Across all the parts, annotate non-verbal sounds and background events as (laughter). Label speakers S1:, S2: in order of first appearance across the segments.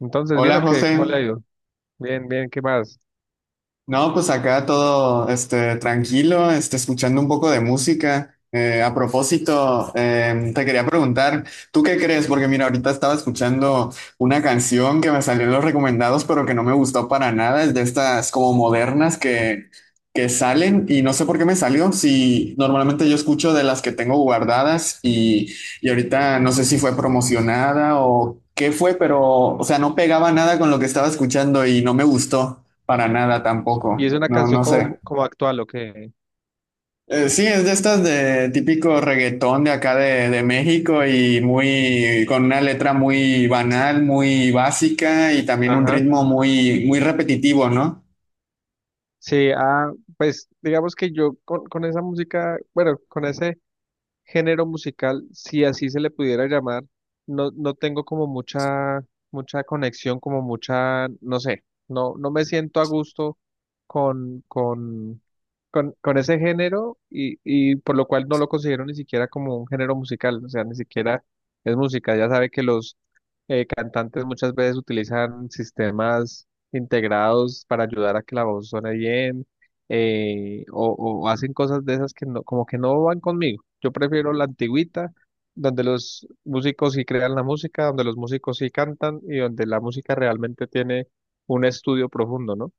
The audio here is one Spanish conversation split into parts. S1: Entonces, ¿bien
S2: Hola
S1: o qué?
S2: José,
S1: ¿Cómo le ha ido? Bien, bien, ¿qué más?
S2: no, pues acá todo tranquilo, escuchando un poco de música. A propósito, te quería preguntar, ¿tú qué crees? Porque mira, ahorita estaba escuchando una canción que me salió en los recomendados, pero que no me gustó para nada, es de estas como modernas que salen y no sé por qué me salió, si normalmente yo escucho de las que tengo guardadas y ahorita no sé si fue promocionada o qué fue, pero o sea, no pegaba nada con lo que estaba escuchando y no me gustó. Para nada
S1: Y
S2: tampoco,
S1: es una
S2: no,
S1: canción
S2: no
S1: como,
S2: sé.
S1: actual, ¿o qué?
S2: Sí, es de estas de típico reggaetón de acá de México y muy con una letra muy banal, muy básica y también un
S1: Ajá.
S2: ritmo muy repetitivo, ¿no?
S1: Sí, ah, pues digamos que yo con, esa música, bueno, con ese género musical, si así se le pudiera llamar, no, no tengo como mucha, conexión, como mucha, no sé, no, no me siento a gusto con, con, con ese género y, por lo cual no lo considero ni siquiera como un género musical, o sea, ni siquiera es música, ya sabe que los cantantes muchas veces utilizan sistemas integrados para ayudar a que la voz suene bien. O, hacen cosas de esas que no, como que no van conmigo. Yo prefiero la antigüita, donde los músicos sí crean la música, donde los músicos sí cantan y donde la música realmente tiene un estudio profundo, ¿no?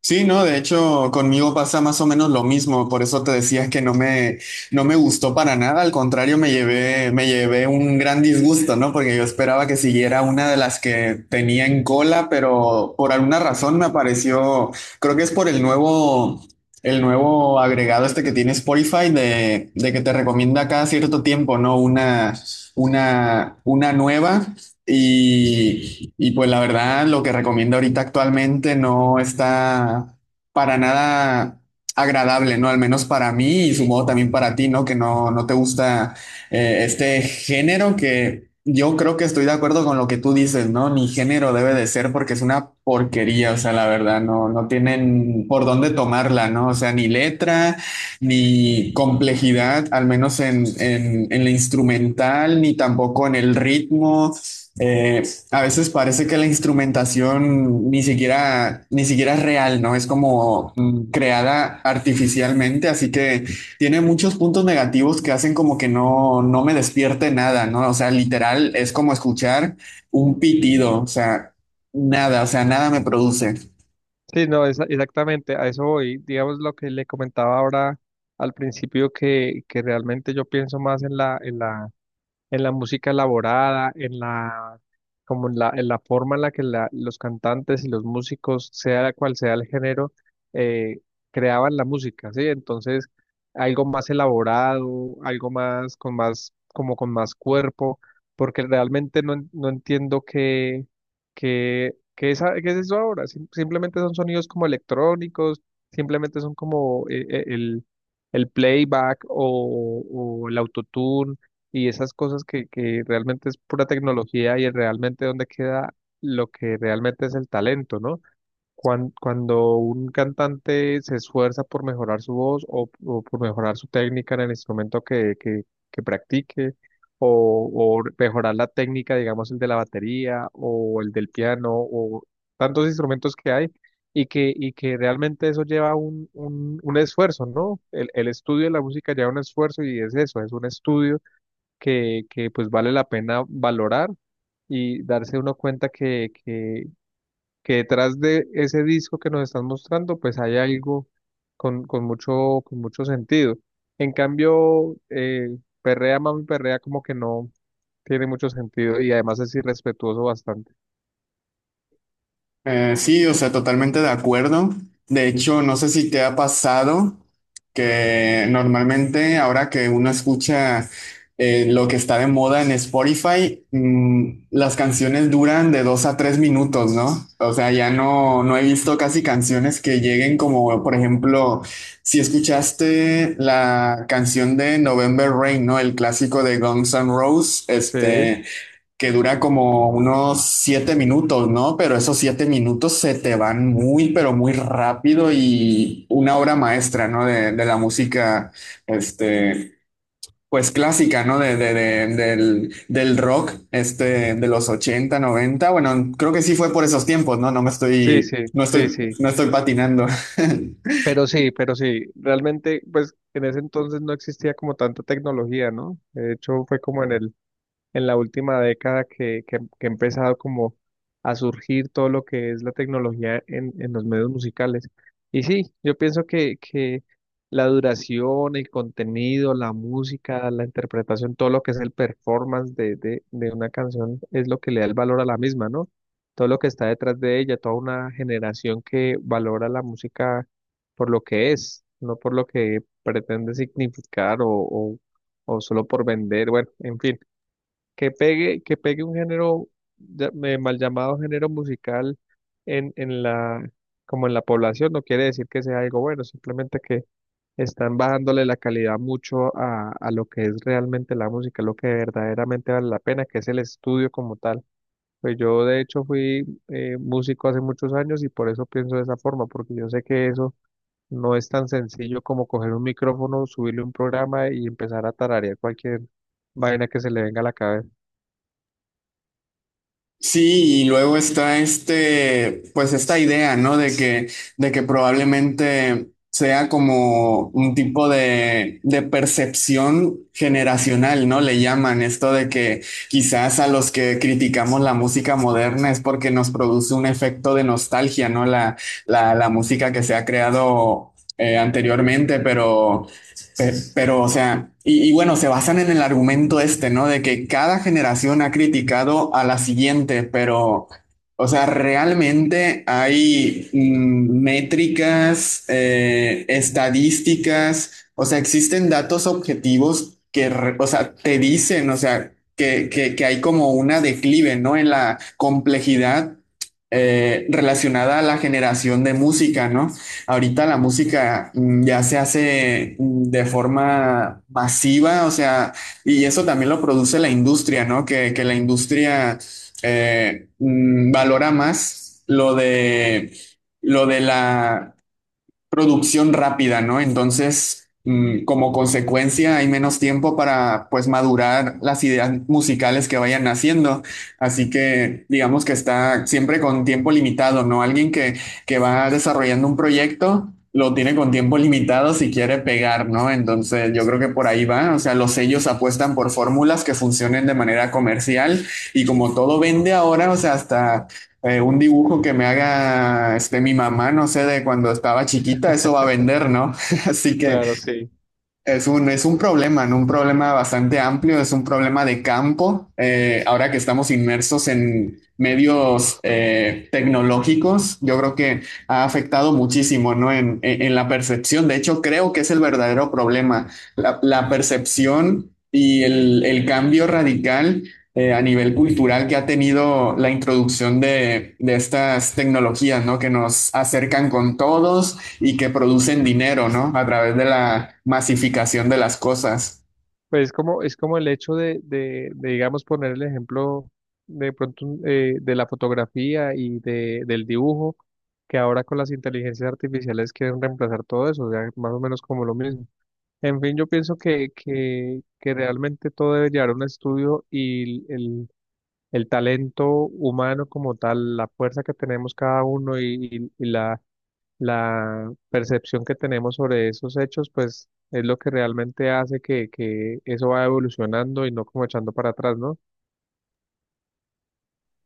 S2: Sí, no, de hecho, conmigo pasa más o menos lo mismo, por eso te decía que no me gustó para nada, al contrario, me llevé un gran disgusto, ¿no? Porque yo esperaba que siguiera una de las que tenía en cola, pero por alguna razón me apareció, creo que es por el nuevo agregado este que tiene Spotify de que te recomienda cada cierto tiempo, ¿no? Una nueva. Y pues la verdad, lo que recomiendo ahorita actualmente no está para nada agradable, ¿no? Al menos para mí y supongo también para ti, ¿no? Que no, no te gusta este género que yo creo que estoy de acuerdo con lo que tú dices, ¿no? Ni género debe de ser porque es una porquería, o sea, la verdad, no, no tienen por dónde tomarla, ¿no? O sea, ni letra ni complejidad, al menos en la instrumental, ni tampoco en el ritmo, eh, a veces parece que la instrumentación ni siquiera es real, ¿no? Es como creada artificialmente, así que tiene muchos puntos negativos que hacen como que no, no me despierte nada, ¿no? O sea, literal es como escuchar un pitido, o sea, nada me produce.
S1: Sí, no, exactamente, a eso voy. Digamos lo que le comentaba ahora al principio, que realmente yo pienso más en la, en la música elaborada, en la, como en la forma en la que los cantantes y los músicos, sea cual sea el género, eh, creaban la música, ¿sí? Entonces, algo más elaborado, algo más, con más, como con más cuerpo, porque realmente no, no entiendo qué, qué es, qué es eso ahora. Simplemente son sonidos como electrónicos, simplemente son como el playback o, el autotune y esas cosas que, realmente es pura tecnología y es realmente donde queda lo que realmente es el talento, ¿no? Cuando, un cantante se esfuerza por mejorar su voz o, por mejorar su técnica en el instrumento que practique, o, mejorar la técnica, digamos, el de la batería o el del piano o tantos instrumentos que hay. Y que realmente eso lleva un esfuerzo, ¿no? El, estudio de la música lleva un esfuerzo y es eso, es un estudio que, pues vale la pena valorar y darse uno cuenta que detrás de ese disco que nos están mostrando, pues hay algo con, con mucho sentido. En cambio, Perrea Mami Perrea como que no tiene mucho sentido y además es irrespetuoso bastante.
S2: Sí, o sea, totalmente de acuerdo. De hecho, no sé si te ha pasado que normalmente ahora que uno escucha lo que está de moda en Spotify, las canciones duran de 2 a 3 minutos, ¿no? O sea, ya no, no he visto casi canciones que lleguen como, por ejemplo, si escuchaste la canción de November Rain, ¿no? El clásico de Guns N' Roses,
S1: Sí,
S2: que dura como unos 7 minutos, ¿no? Pero esos 7 minutos se te van muy, pero muy rápido y una obra maestra, ¿no? De la música, este, pues clásica, ¿no? Del rock, de los 80 90. Bueno, creo que sí fue por esos tiempos, ¿no? No me
S1: sí, sí,
S2: estoy, no
S1: sí,
S2: estoy,
S1: sí.
S2: no estoy patinando. (laughs)
S1: Pero sí, pero sí, realmente, pues en ese entonces no existía como tanta tecnología, ¿no? De hecho, fue como en el en la última década que ha empezado como a surgir todo lo que es la tecnología en, los medios musicales. Y sí, yo pienso que, la duración, el contenido, la música, la interpretación, todo lo que es el performance de, de una canción es lo que le da el valor a la misma, ¿no? Todo lo que está detrás de ella, toda una generación que valora la música por lo que es, no por lo que pretende significar o, o solo por vender, bueno, en fin que pegue un género mal llamado género musical en la, como en la población, no quiere decir que sea algo bueno, simplemente que están bajándole la calidad mucho a, lo que es realmente la música, lo que verdaderamente vale la pena, que es el estudio como tal. Pues yo de hecho fui músico hace muchos años y por eso pienso de esa forma, porque yo sé que eso no es tan sencillo como coger un micrófono, subirle un programa y empezar a tararear cualquier vaina que se le venga a la cabeza.
S2: Sí, y luego está pues esta idea, ¿no? De que probablemente sea como un tipo de percepción generacional, ¿no? Le llaman esto de que quizás a los que criticamos la música moderna es porque nos produce un efecto de nostalgia, ¿no? La música que se ha creado anteriormente, pero, o sea, bueno, se basan en el argumento este, ¿no? De que cada generación ha criticado a la siguiente, pero, o sea, realmente hay métricas, estadísticas, o sea, existen datos objetivos o sea, te dicen, o sea, que hay como una declive, ¿no? En la complejidad relacionada a la generación de música, ¿no? Ahorita la música ya se hace de forma masiva, o sea, y eso también lo produce la industria, ¿no? Que la industria valora más lo de la, producción rápida, ¿no? Entonces, como consecuencia, hay menos tiempo para, pues, madurar las ideas musicales que vayan naciendo. Así que, digamos que está siempre con tiempo limitado, ¿no? Alguien que va desarrollando un proyecto. Lo tiene con tiempo limitado si quiere pegar, ¿no? Entonces yo creo que por ahí va. O sea, los sellos apuestan por fórmulas que funcionen de manera comercial y como todo vende ahora, o sea, hasta un dibujo que me haga mi mamá, no sé, de cuando estaba chiquita, eso va a vender, ¿no? (laughs) Así que
S1: Claro, sí.
S2: es un problema, ¿no? Un problema bastante amplio, es un problema de campo. Ahora que estamos inmersos en medios tecnológicos, yo creo que ha afectado muchísimo, ¿no? En la percepción. De hecho, creo que es el verdadero problema, la percepción y el cambio radical a nivel cultural que ha tenido la introducción de estas tecnologías, ¿no? Que nos acercan con todos y que producen dinero, ¿no? A través de la masificación de las cosas.
S1: Pues es como el hecho de, digamos, poner el ejemplo de pronto de la fotografía y de, del dibujo, que ahora con las inteligencias artificiales quieren reemplazar todo eso, o sea, más o menos como lo mismo. En fin, yo pienso que, realmente todo debe llevar a un estudio y el, talento humano como tal, la fuerza que tenemos cada uno y la La percepción que tenemos sobre esos hechos, pues es lo que realmente hace que eso va evolucionando y no como echando para atrás, ¿no?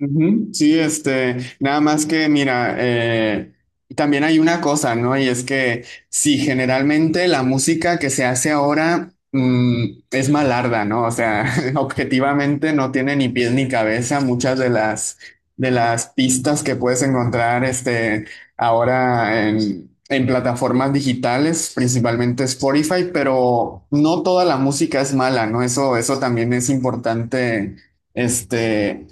S2: Ujú. Sí, este, nada más que mira, también hay una cosa, ¿no? Y es que sí, generalmente la música que se hace ahora es malarda, ¿no? O sea, (laughs) objetivamente no tiene ni pies ni cabeza muchas de las pistas que puedes encontrar, ahora en plataformas digitales, principalmente Spotify, pero no toda la música es mala, ¿no? Eso también es importante este,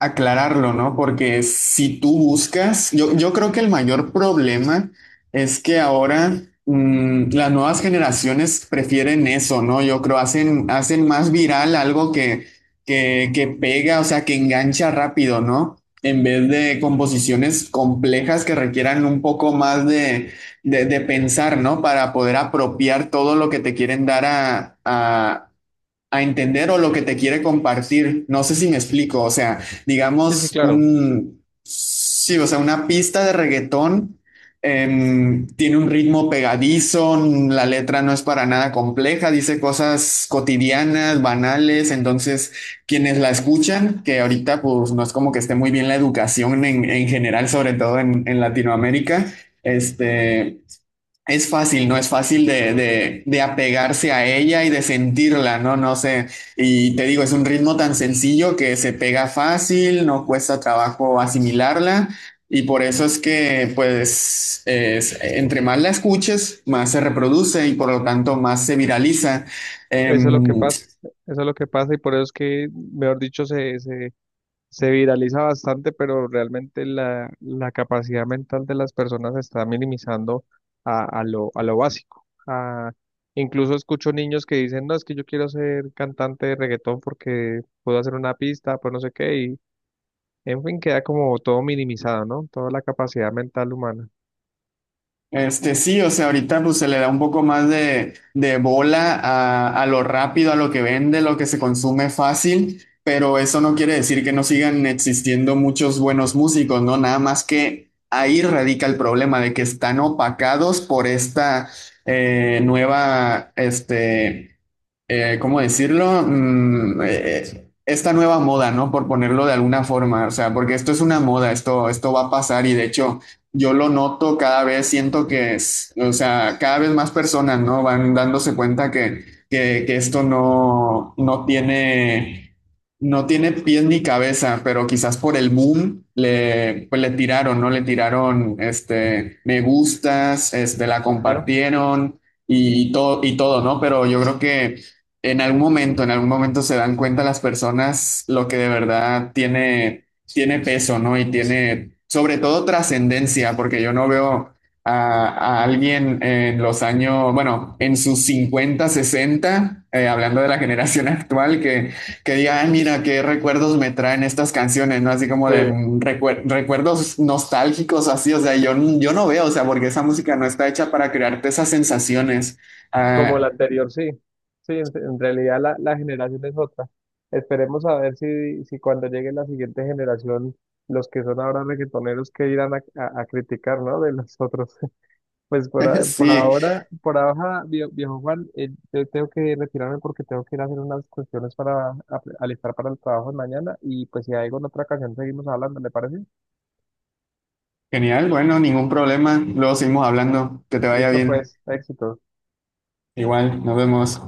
S2: aclararlo, ¿no? Porque si tú buscas, yo creo que el mayor problema es que ahora las nuevas generaciones prefieren eso, ¿no? Yo creo, hacen más viral algo que pega, o sea, que engancha rápido, ¿no? En vez de composiciones complejas que requieran un poco más de pensar, ¿no? Para poder apropiar todo lo que te quieren dar a entender o lo que te quiere compartir. No sé si me explico, o sea,
S1: Sí, sí,
S2: digamos
S1: claro.
S2: un, sí, o sea, una pista de reggaetón tiene un ritmo pegadizo, la letra no es para nada compleja, dice cosas cotidianas, banales, entonces quienes la escuchan, que ahorita pues no es como que esté muy bien la educación en general, sobre todo en Latinoamérica, este... Es fácil, ¿no? Es fácil de apegarse a ella y de sentirla, ¿no? No sé. Y te digo, es un ritmo tan sencillo que se pega fácil, no cuesta trabajo asimilarla. Y por eso es que, pues, entre más la escuches, más se reproduce y por lo tanto más se viraliza.
S1: Eso es lo que
S2: Em,
S1: pasa. Eso es lo que pasa y por eso es que, mejor dicho, se viraliza bastante, pero realmente la, capacidad mental de las personas se está minimizando a, a lo básico. Incluso escucho niños que dicen, no, es que yo quiero ser cantante de reggaetón porque puedo hacer una pista, pues no sé qué. En fin, queda como todo minimizado, ¿no? Toda la capacidad mental humana.
S2: Este sí, o sea, ahorita pues se le da un poco más de bola a lo rápido, a lo que vende, lo que se consume fácil, pero eso no quiere decir que no sigan existiendo muchos buenos músicos, ¿no? Nada más que ahí radica el problema de que están opacados por esta eh, nueva, este, ¿cómo decirlo? Esta nueva moda, ¿no? Por ponerlo de alguna forma, o sea, porque esto es una moda, esto va a pasar y de hecho yo lo noto cada vez, siento que es, o sea, cada vez más personas, ¿no? Van dándose cuenta que esto no tiene, no tiene pies ni cabeza, pero quizás por el boom le, pues le tiraron, ¿no? Le tiraron, me gustas, la
S1: Ajá.
S2: compartieron y todo, ¿no? Pero yo creo que en algún momento se dan cuenta las personas lo que de verdad tiene, tiene peso, ¿no? Y tiene, sobre todo, trascendencia, porque yo no veo a alguien en los años, bueno, en sus 50 60 hablando de la generación (laughs) actual, que diga, "Ay, mira, qué recuerdos me traen estas canciones, ¿no? Así como de
S1: Sí,
S2: recuerdos nostálgicos, así, o sea, yo no veo, o sea, porque esa música no está hecha para crearte esas sensaciones.
S1: como la
S2: Ah,
S1: anterior. Sí, sí, en, realidad la, generación es otra. Esperemos a ver si, si cuando llegue la siguiente generación, los que son ahora reggaetoneros, que irán a, a criticar, ¿no? De los otros. (laughs) Pues por,
S2: (laughs) Sí,
S1: por ahora, viejo Juan, yo tengo que retirarme porque tengo que ir a hacer unas cuestiones para alistar para el trabajo de mañana y pues si hay alguna otra ocasión seguimos hablando, ¿le parece?
S2: genial, bueno, ningún problema. Luego seguimos hablando. Que te vaya
S1: Listo,
S2: bien.
S1: pues, éxitos.
S2: Igual, nos vemos.